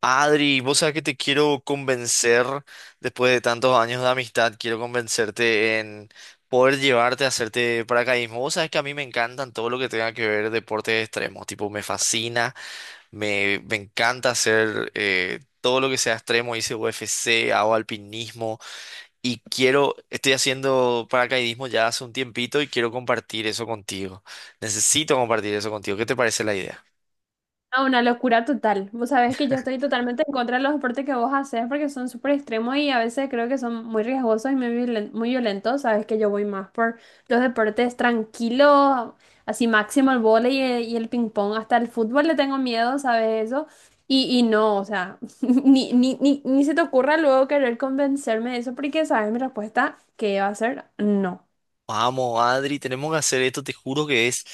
Adri, vos sabés que te quiero convencer, después de tantos años de amistad, quiero convencerte en poder llevarte a hacerte paracaidismo. Vos sabés que a mí me encantan todo lo que tenga que ver deportes extremos, tipo me fascina, me encanta hacer todo lo que sea extremo, hice UFC, hago alpinismo y quiero, estoy haciendo paracaidismo ya hace un tiempito y quiero compartir eso contigo. Necesito compartir eso contigo. ¿Qué te parece la idea? Ah, una locura total. Vos sabés que yo estoy totalmente en contra de los deportes que vos haces porque son súper extremos y a veces creo que son muy riesgosos y muy violentos. Sabes que yo voy más por los deportes tranquilos, así máximo el vóley y el ping pong. Hasta el fútbol le tengo miedo, ¿sabes eso? Y no, o sea, ni se te ocurra luego querer convencerme de eso porque, ¿sabes? Mi respuesta que va a ser no. Vamos, Adri, tenemos que hacer esto, te juro que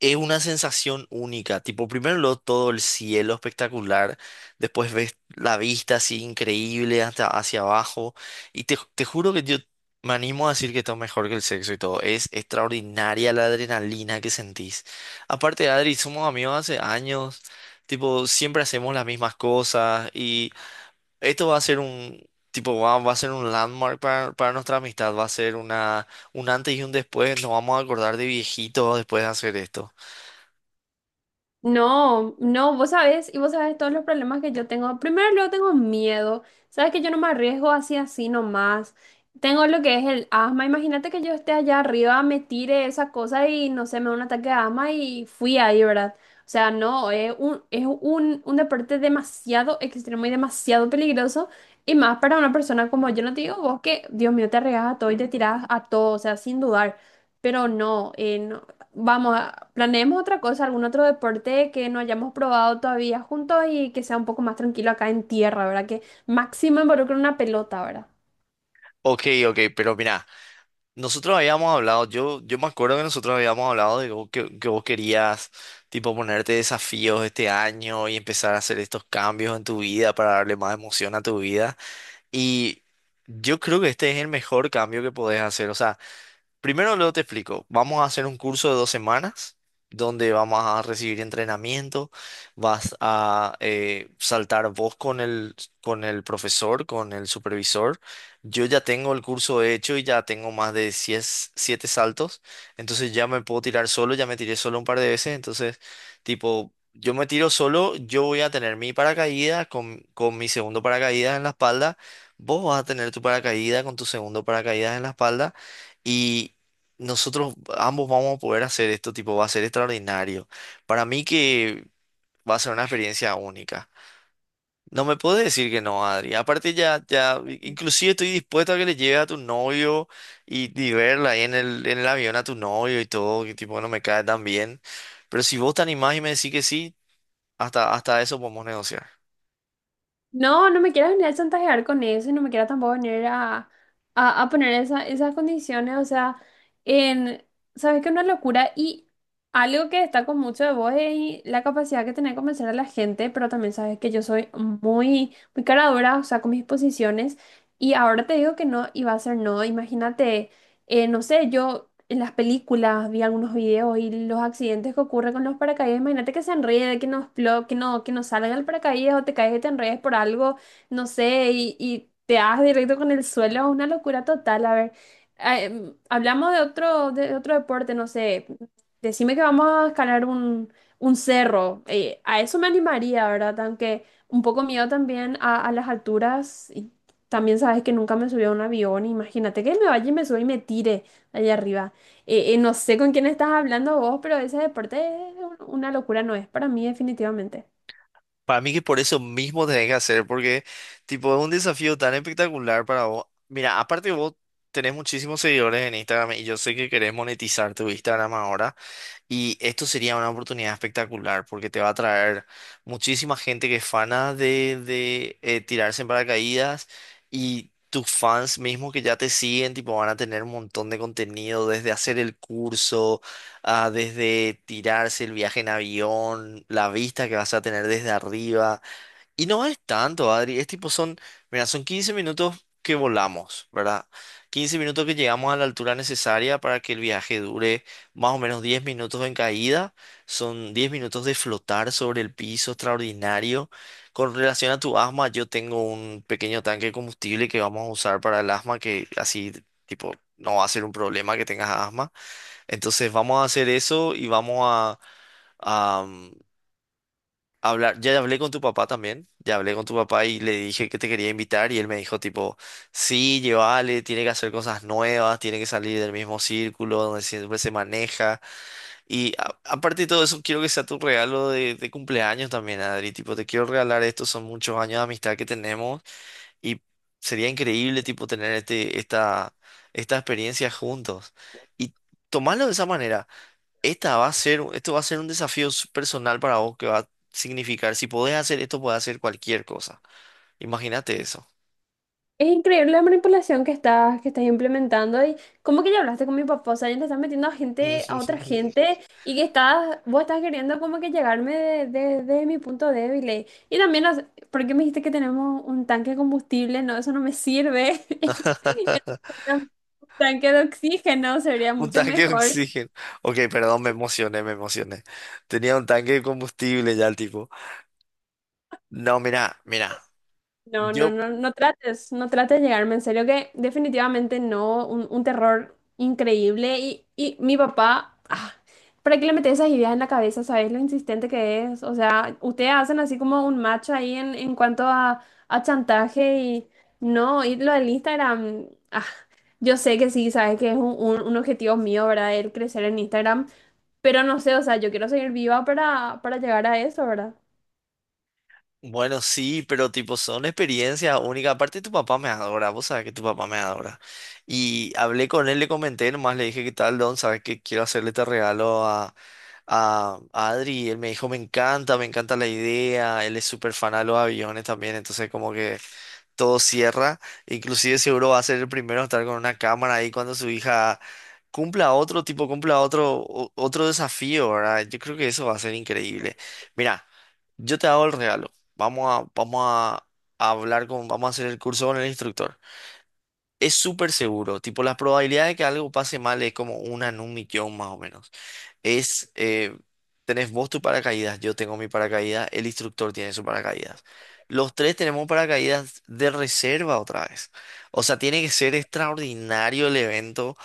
es una sensación única. Tipo, todo el cielo espectacular, después ves la vista así increíble hasta hacia abajo. Y te juro que yo me animo a decir que está mejor que el sexo y todo. Es extraordinaria la adrenalina que sentís. Aparte, Adri, somos amigos hace años. Tipo, siempre hacemos las mismas cosas y esto va a ser un tipo, va a ser un landmark para nuestra amistad, va a ser una, un antes y un después, nos vamos a acordar de viejitos después de hacer esto. No, no, vos sabés, y vos sabés todos los problemas que yo tengo. Primero, luego tengo miedo. Sabes que yo no me arriesgo así, así nomás. Tengo lo que es el asma. Imagínate que yo esté allá arriba, me tire esa cosa y no sé, me da un ataque de asma y fui ahí, ¿verdad? O sea, no, un deporte demasiado extremo y demasiado peligroso. Y más para una persona como yo, no te digo vos que, Dios mío, te arriesgas a todo y te tiras a todo, o sea, sin dudar. Pero no, no. Vamos. Planeemos otra cosa, algún otro deporte que no hayamos probado todavía juntos y que sea un poco más tranquilo acá en tierra, ¿verdad? Que máximo involucre una pelota, ¿verdad? Ok, ok, pero mira, nosotros habíamos hablado, yo me acuerdo que nosotros habíamos hablado de que, que vos querías tipo ponerte desafíos este año y empezar a hacer estos cambios en tu vida para darle más emoción a tu vida. Y yo creo que este es el mejor cambio que podés hacer. O sea, primero luego te explico. Vamos a hacer un curso de 2 semanas donde vamos a recibir entrenamiento, vas a saltar vos con el profesor, con el supervisor. Yo ya tengo el curso hecho y ya tengo más de 100 siete saltos, entonces ya me puedo tirar solo, ya me tiré solo un par de veces, entonces tipo, yo me tiro solo, yo voy a tener mi paracaídas con mi segundo paracaídas en la espalda, vos vas a tener tu paracaídas con tu segundo paracaídas en la espalda. Y nosotros ambos vamos a poder hacer esto, tipo, va a ser extraordinario. Para mí que va a ser una experiencia única. No me puedes decir que no, Adri. Aparte inclusive estoy dispuesto a que le lleve a tu novio y verla ahí en el avión a tu novio y todo, que tipo no me cae tan bien. Pero si vos te animás y me decís que sí, hasta, hasta eso podemos negociar. No, no me quieras venir a chantajear con eso y no me quieras tampoco venir a poner esas condiciones, o sea, en, sabes que es una locura y algo que destaco mucho de vos es la capacidad que tenés de convencer a la gente, pero también sabes que yo soy muy cara dura, o sea, con mis posiciones y ahora te digo que no y va a ser no, imagínate. No sé, yo en las películas vi algunos videos y los accidentes que ocurren con los paracaídas, imagínate que se enrede, que no explo- que no salga el paracaídas o te caes y te enredes por algo, no sé, y te das directo con el suelo, es una locura total, a ver. Hablamos de otro deporte, no sé, decime que vamos a escalar un cerro, a eso me animaría, ¿verdad? Aunque un poco miedo también a las alturas, también sabes que nunca me subí a un avión, imagínate que me vaya y me suba y me tire allá arriba. No sé con quién estás hablando vos, pero ese deporte una locura, no es para mí definitivamente. Para mí que por eso mismo tenés que hacer, porque tipo es un desafío tan espectacular para vos. Mira, aparte vos tenés muchísimos seguidores en Instagram y yo sé que querés monetizar tu Instagram ahora. Y esto sería una oportunidad espectacular porque te va a traer muchísima gente que es fana de tirarse en paracaídas y tus fans mismos que ya te siguen, tipo, van a tener un montón de contenido desde hacer el curso, ah, desde tirarse el viaje en avión, la vista que vas a tener desde arriba. Y no es tanto, Adri. Es tipo, son, mira, son 15 minutos que volamos, ¿verdad? 15 minutos que llegamos a la altura necesaria para que el viaje dure más o menos 10 minutos en caída. Son 10 minutos de flotar sobre el piso extraordinario. Con relación a tu asma, yo tengo un pequeño tanque de combustible que vamos a usar para el asma, que así, tipo, no va a ser un problema que tengas asma. Entonces, vamos a hacer eso y vamos a hablar, ya hablé con tu papá también, ya hablé con tu papá y le dije que te quería invitar y él me dijo tipo, sí, llévale, tiene que hacer cosas nuevas, tiene que salir del mismo círculo donde siempre se maneja y aparte de todo eso quiero que sea tu regalo de cumpleaños también, Adri, tipo, te quiero regalar esto, son muchos años de amistad que tenemos y sería increíble tipo tener este, esta experiencia juntos. Y tomarlo de esa manera. Esta va a ser, esto va a ser un personal para vos que va a significar, si podés hacer esto, podés hacer cualquier cosa. Imagínate eso. Es increíble la manipulación que estás implementando y como que ya hablaste con mi papá, o sea, ya te estás metiendo a gente, a otra gente y que estás, vos estás queriendo como que llegarme de mi punto débil. Y también, ¿por qué me dijiste que tenemos un tanque de combustible? No, eso no me sirve. Un tanque de oxígeno sería Un mucho tanque de mejor. oxígeno. Ok, perdón, me emocioné, me emocioné. Tenía un tanque de combustible ya el tipo. No, mira, mira. Yo No trates, no trates de llegarme en serio, que definitivamente no, un terror increíble. Y mi papá, ah, ¿para qué le metes esas ideas en la cabeza? ¿Sabes lo insistente que es? O sea, ustedes hacen así como un match ahí en cuanto a chantaje y no, y lo del Instagram, ah, yo sé que sí, sabes que es un, un objetivo mío, ¿verdad? El crecer en Instagram, pero no sé, o sea, yo quiero seguir viva para llegar a eso, ¿verdad? bueno, sí, pero tipo son experiencias únicas. Aparte tu papá me adora, vos sabés que tu papá me adora. Y hablé con él, le comenté, nomás le dije, ¿qué tal, Don? ¿Sabes que quiero hacerle este regalo a, a Adri? Y él me dijo, me encanta la idea. Él es súper fan a los aviones también, entonces como que todo cierra. Inclusive seguro va a ser el primero a estar con una cámara ahí cuando su hija cumpla otro, tipo, otro desafío, ¿verdad? Yo creo que eso va a ser increíble. Mira, yo te hago el regalo. Vamos a, vamos a hablar con, vamos a hacer el curso con el instructor. Es súper seguro, tipo, las probabilidades de que algo pase mal es como una en un millón más o menos. Es, tenés vos tu paracaídas, yo tengo mi paracaídas, el instructor tiene su paracaídas. Los tres tenemos paracaídas de reserva otra vez. O sea, tiene que ser extraordinario el evento,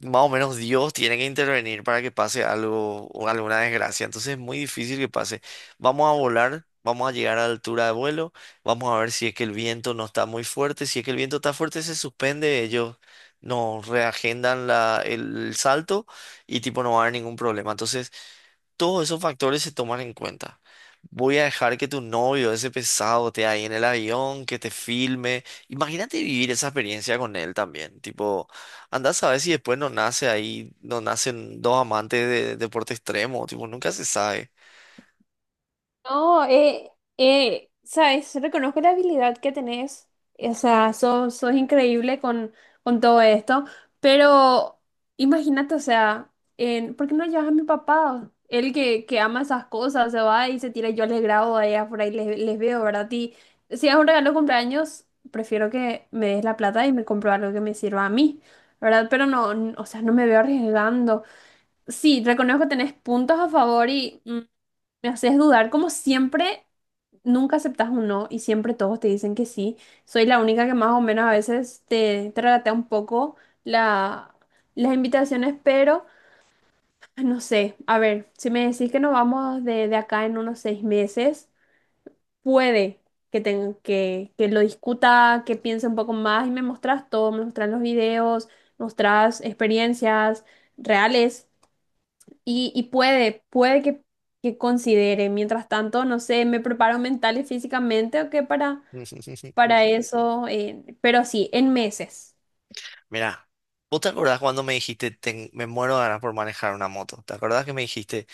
más o menos Dios tiene que intervenir para que pase algo o alguna desgracia. Entonces es muy difícil que pase. Vamos a volar, vamos a llegar a altura de vuelo, vamos a ver si es que el viento no está muy fuerte. Si es que el viento está fuerte, se suspende, ellos nos reagendan la, el salto y tipo no va a haber ningún problema. Entonces todos esos factores se toman en cuenta. Voy a dejar que tu novio, ese pesado, esté ahí en el avión, que te filme. Imagínate vivir esa experiencia con él también. Tipo, andás a ver si después no nace ahí, no nacen dos amantes de deporte extremo. Tipo, nunca se sabe. No, sabes, reconozco la habilidad que tenés, o sea, sos increíble con todo esto, pero imagínate, o sea, en, ¿por qué no llevas a mi papá? Él que ama esas cosas, se va y se tira, yo les grabo allá por ahí, les veo, ¿verdad? Y si es un regalo de cumpleaños, prefiero que me des la plata y me compro algo que me sirva a mí, ¿verdad? Pero no, o sea, no me veo arriesgando. Sí, reconozco que tenés puntos a favor y... mm, me haces dudar, como siempre, nunca aceptas un no y siempre todos te dicen que sí. Soy la única que más o menos a veces te tragatea un poco la, las invitaciones, pero no sé, a ver, si me decís que nos vamos de acá en unos 6 meses, puede que, tenga, que lo discuta, que piense un poco más y me mostrás todo, me mostrás los videos, mostrás experiencias reales. Y puede, que considere. Mientras tanto, no sé, me preparo mental y físicamente o qué para eso. Pero sí, en meses. Mira, ¿vos te acordás cuando me dijiste, me muero de ganas por manejar una moto"? ¿Te acordás que me dijiste,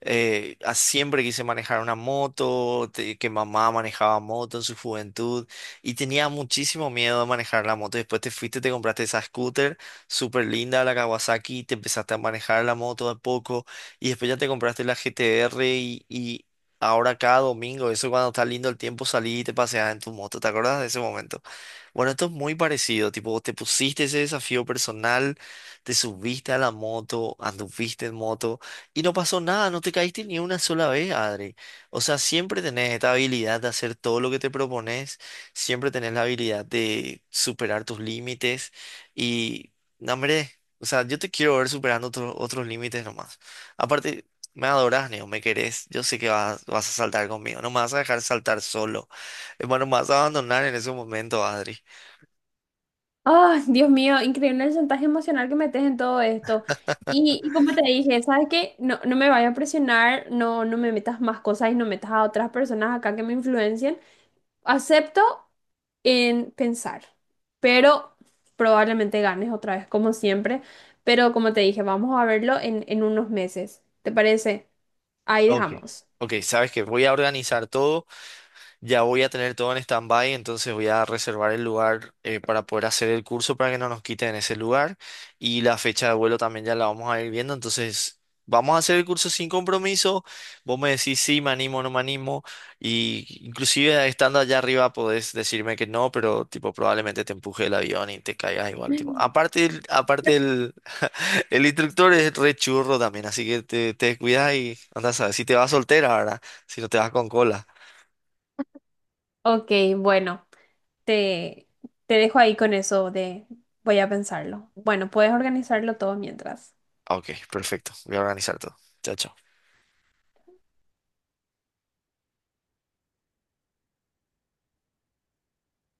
siempre quise manejar una moto, que mamá manejaba moto en su juventud y tenía muchísimo miedo de manejar la moto? Después te fuiste, te compraste esa scooter súper linda, la Kawasaki, te empezaste a manejar la moto de a poco y después ya te compraste la GTR y ahora cada domingo, eso cuando está lindo el tiempo, salí y te paseas en tu moto. ¿Te acuerdas de ese momento? Bueno, esto es muy parecido, tipo, vos te pusiste ese desafío personal, te subiste a la moto, anduviste en moto. Y no pasó nada, no te caíste ni una sola vez, Adri. O sea, siempre tenés esta habilidad de hacer todo lo que te propones, siempre tenés la habilidad de superar tus límites y, no, hombre, o sea, yo te quiero ver superando otros límites nomás. Aparte, me adorás, Neo, me querés, yo sé que vas, vas a saltar conmigo, no me vas a dejar saltar solo. Bueno, me vas a abandonar en ese momento, Adri. Ah, Dios mío, increíble el chantaje emocional que metes en todo esto. Y como te dije, ¿sabes qué? No, no me vayas a presionar, no, no me metas más cosas y no metas a otras personas acá que me influencien. Acepto en pensar, pero probablemente ganes otra vez, como siempre. Pero como te dije, vamos a verlo en unos meses. ¿Te parece? Ahí Ok. dejamos. Ok, sabes que voy a organizar todo. Ya voy a tener todo en stand-by, entonces voy a reservar el lugar para poder hacer el curso para que no nos quiten ese lugar. Y la fecha de vuelo también ya la vamos a ir viendo, entonces vamos a hacer el curso sin compromiso. Vos me decís sí, me animo, no me animo. Y inclusive estando allá arriba podés decirme que no, pero tipo probablemente te empuje el avión y te caigas igual. Tipo. Mm. Aparte el, el instructor es re churro también, así que te descuidas y andas a ver si te vas soltera, ¿verdad? Si no te vas con cola. Ok, bueno, te, te dejo ahí con eso de voy a pensarlo. Bueno, puedes organizarlo todo mientras. Ok, perfecto. Voy a organizar todo. Chao, chao.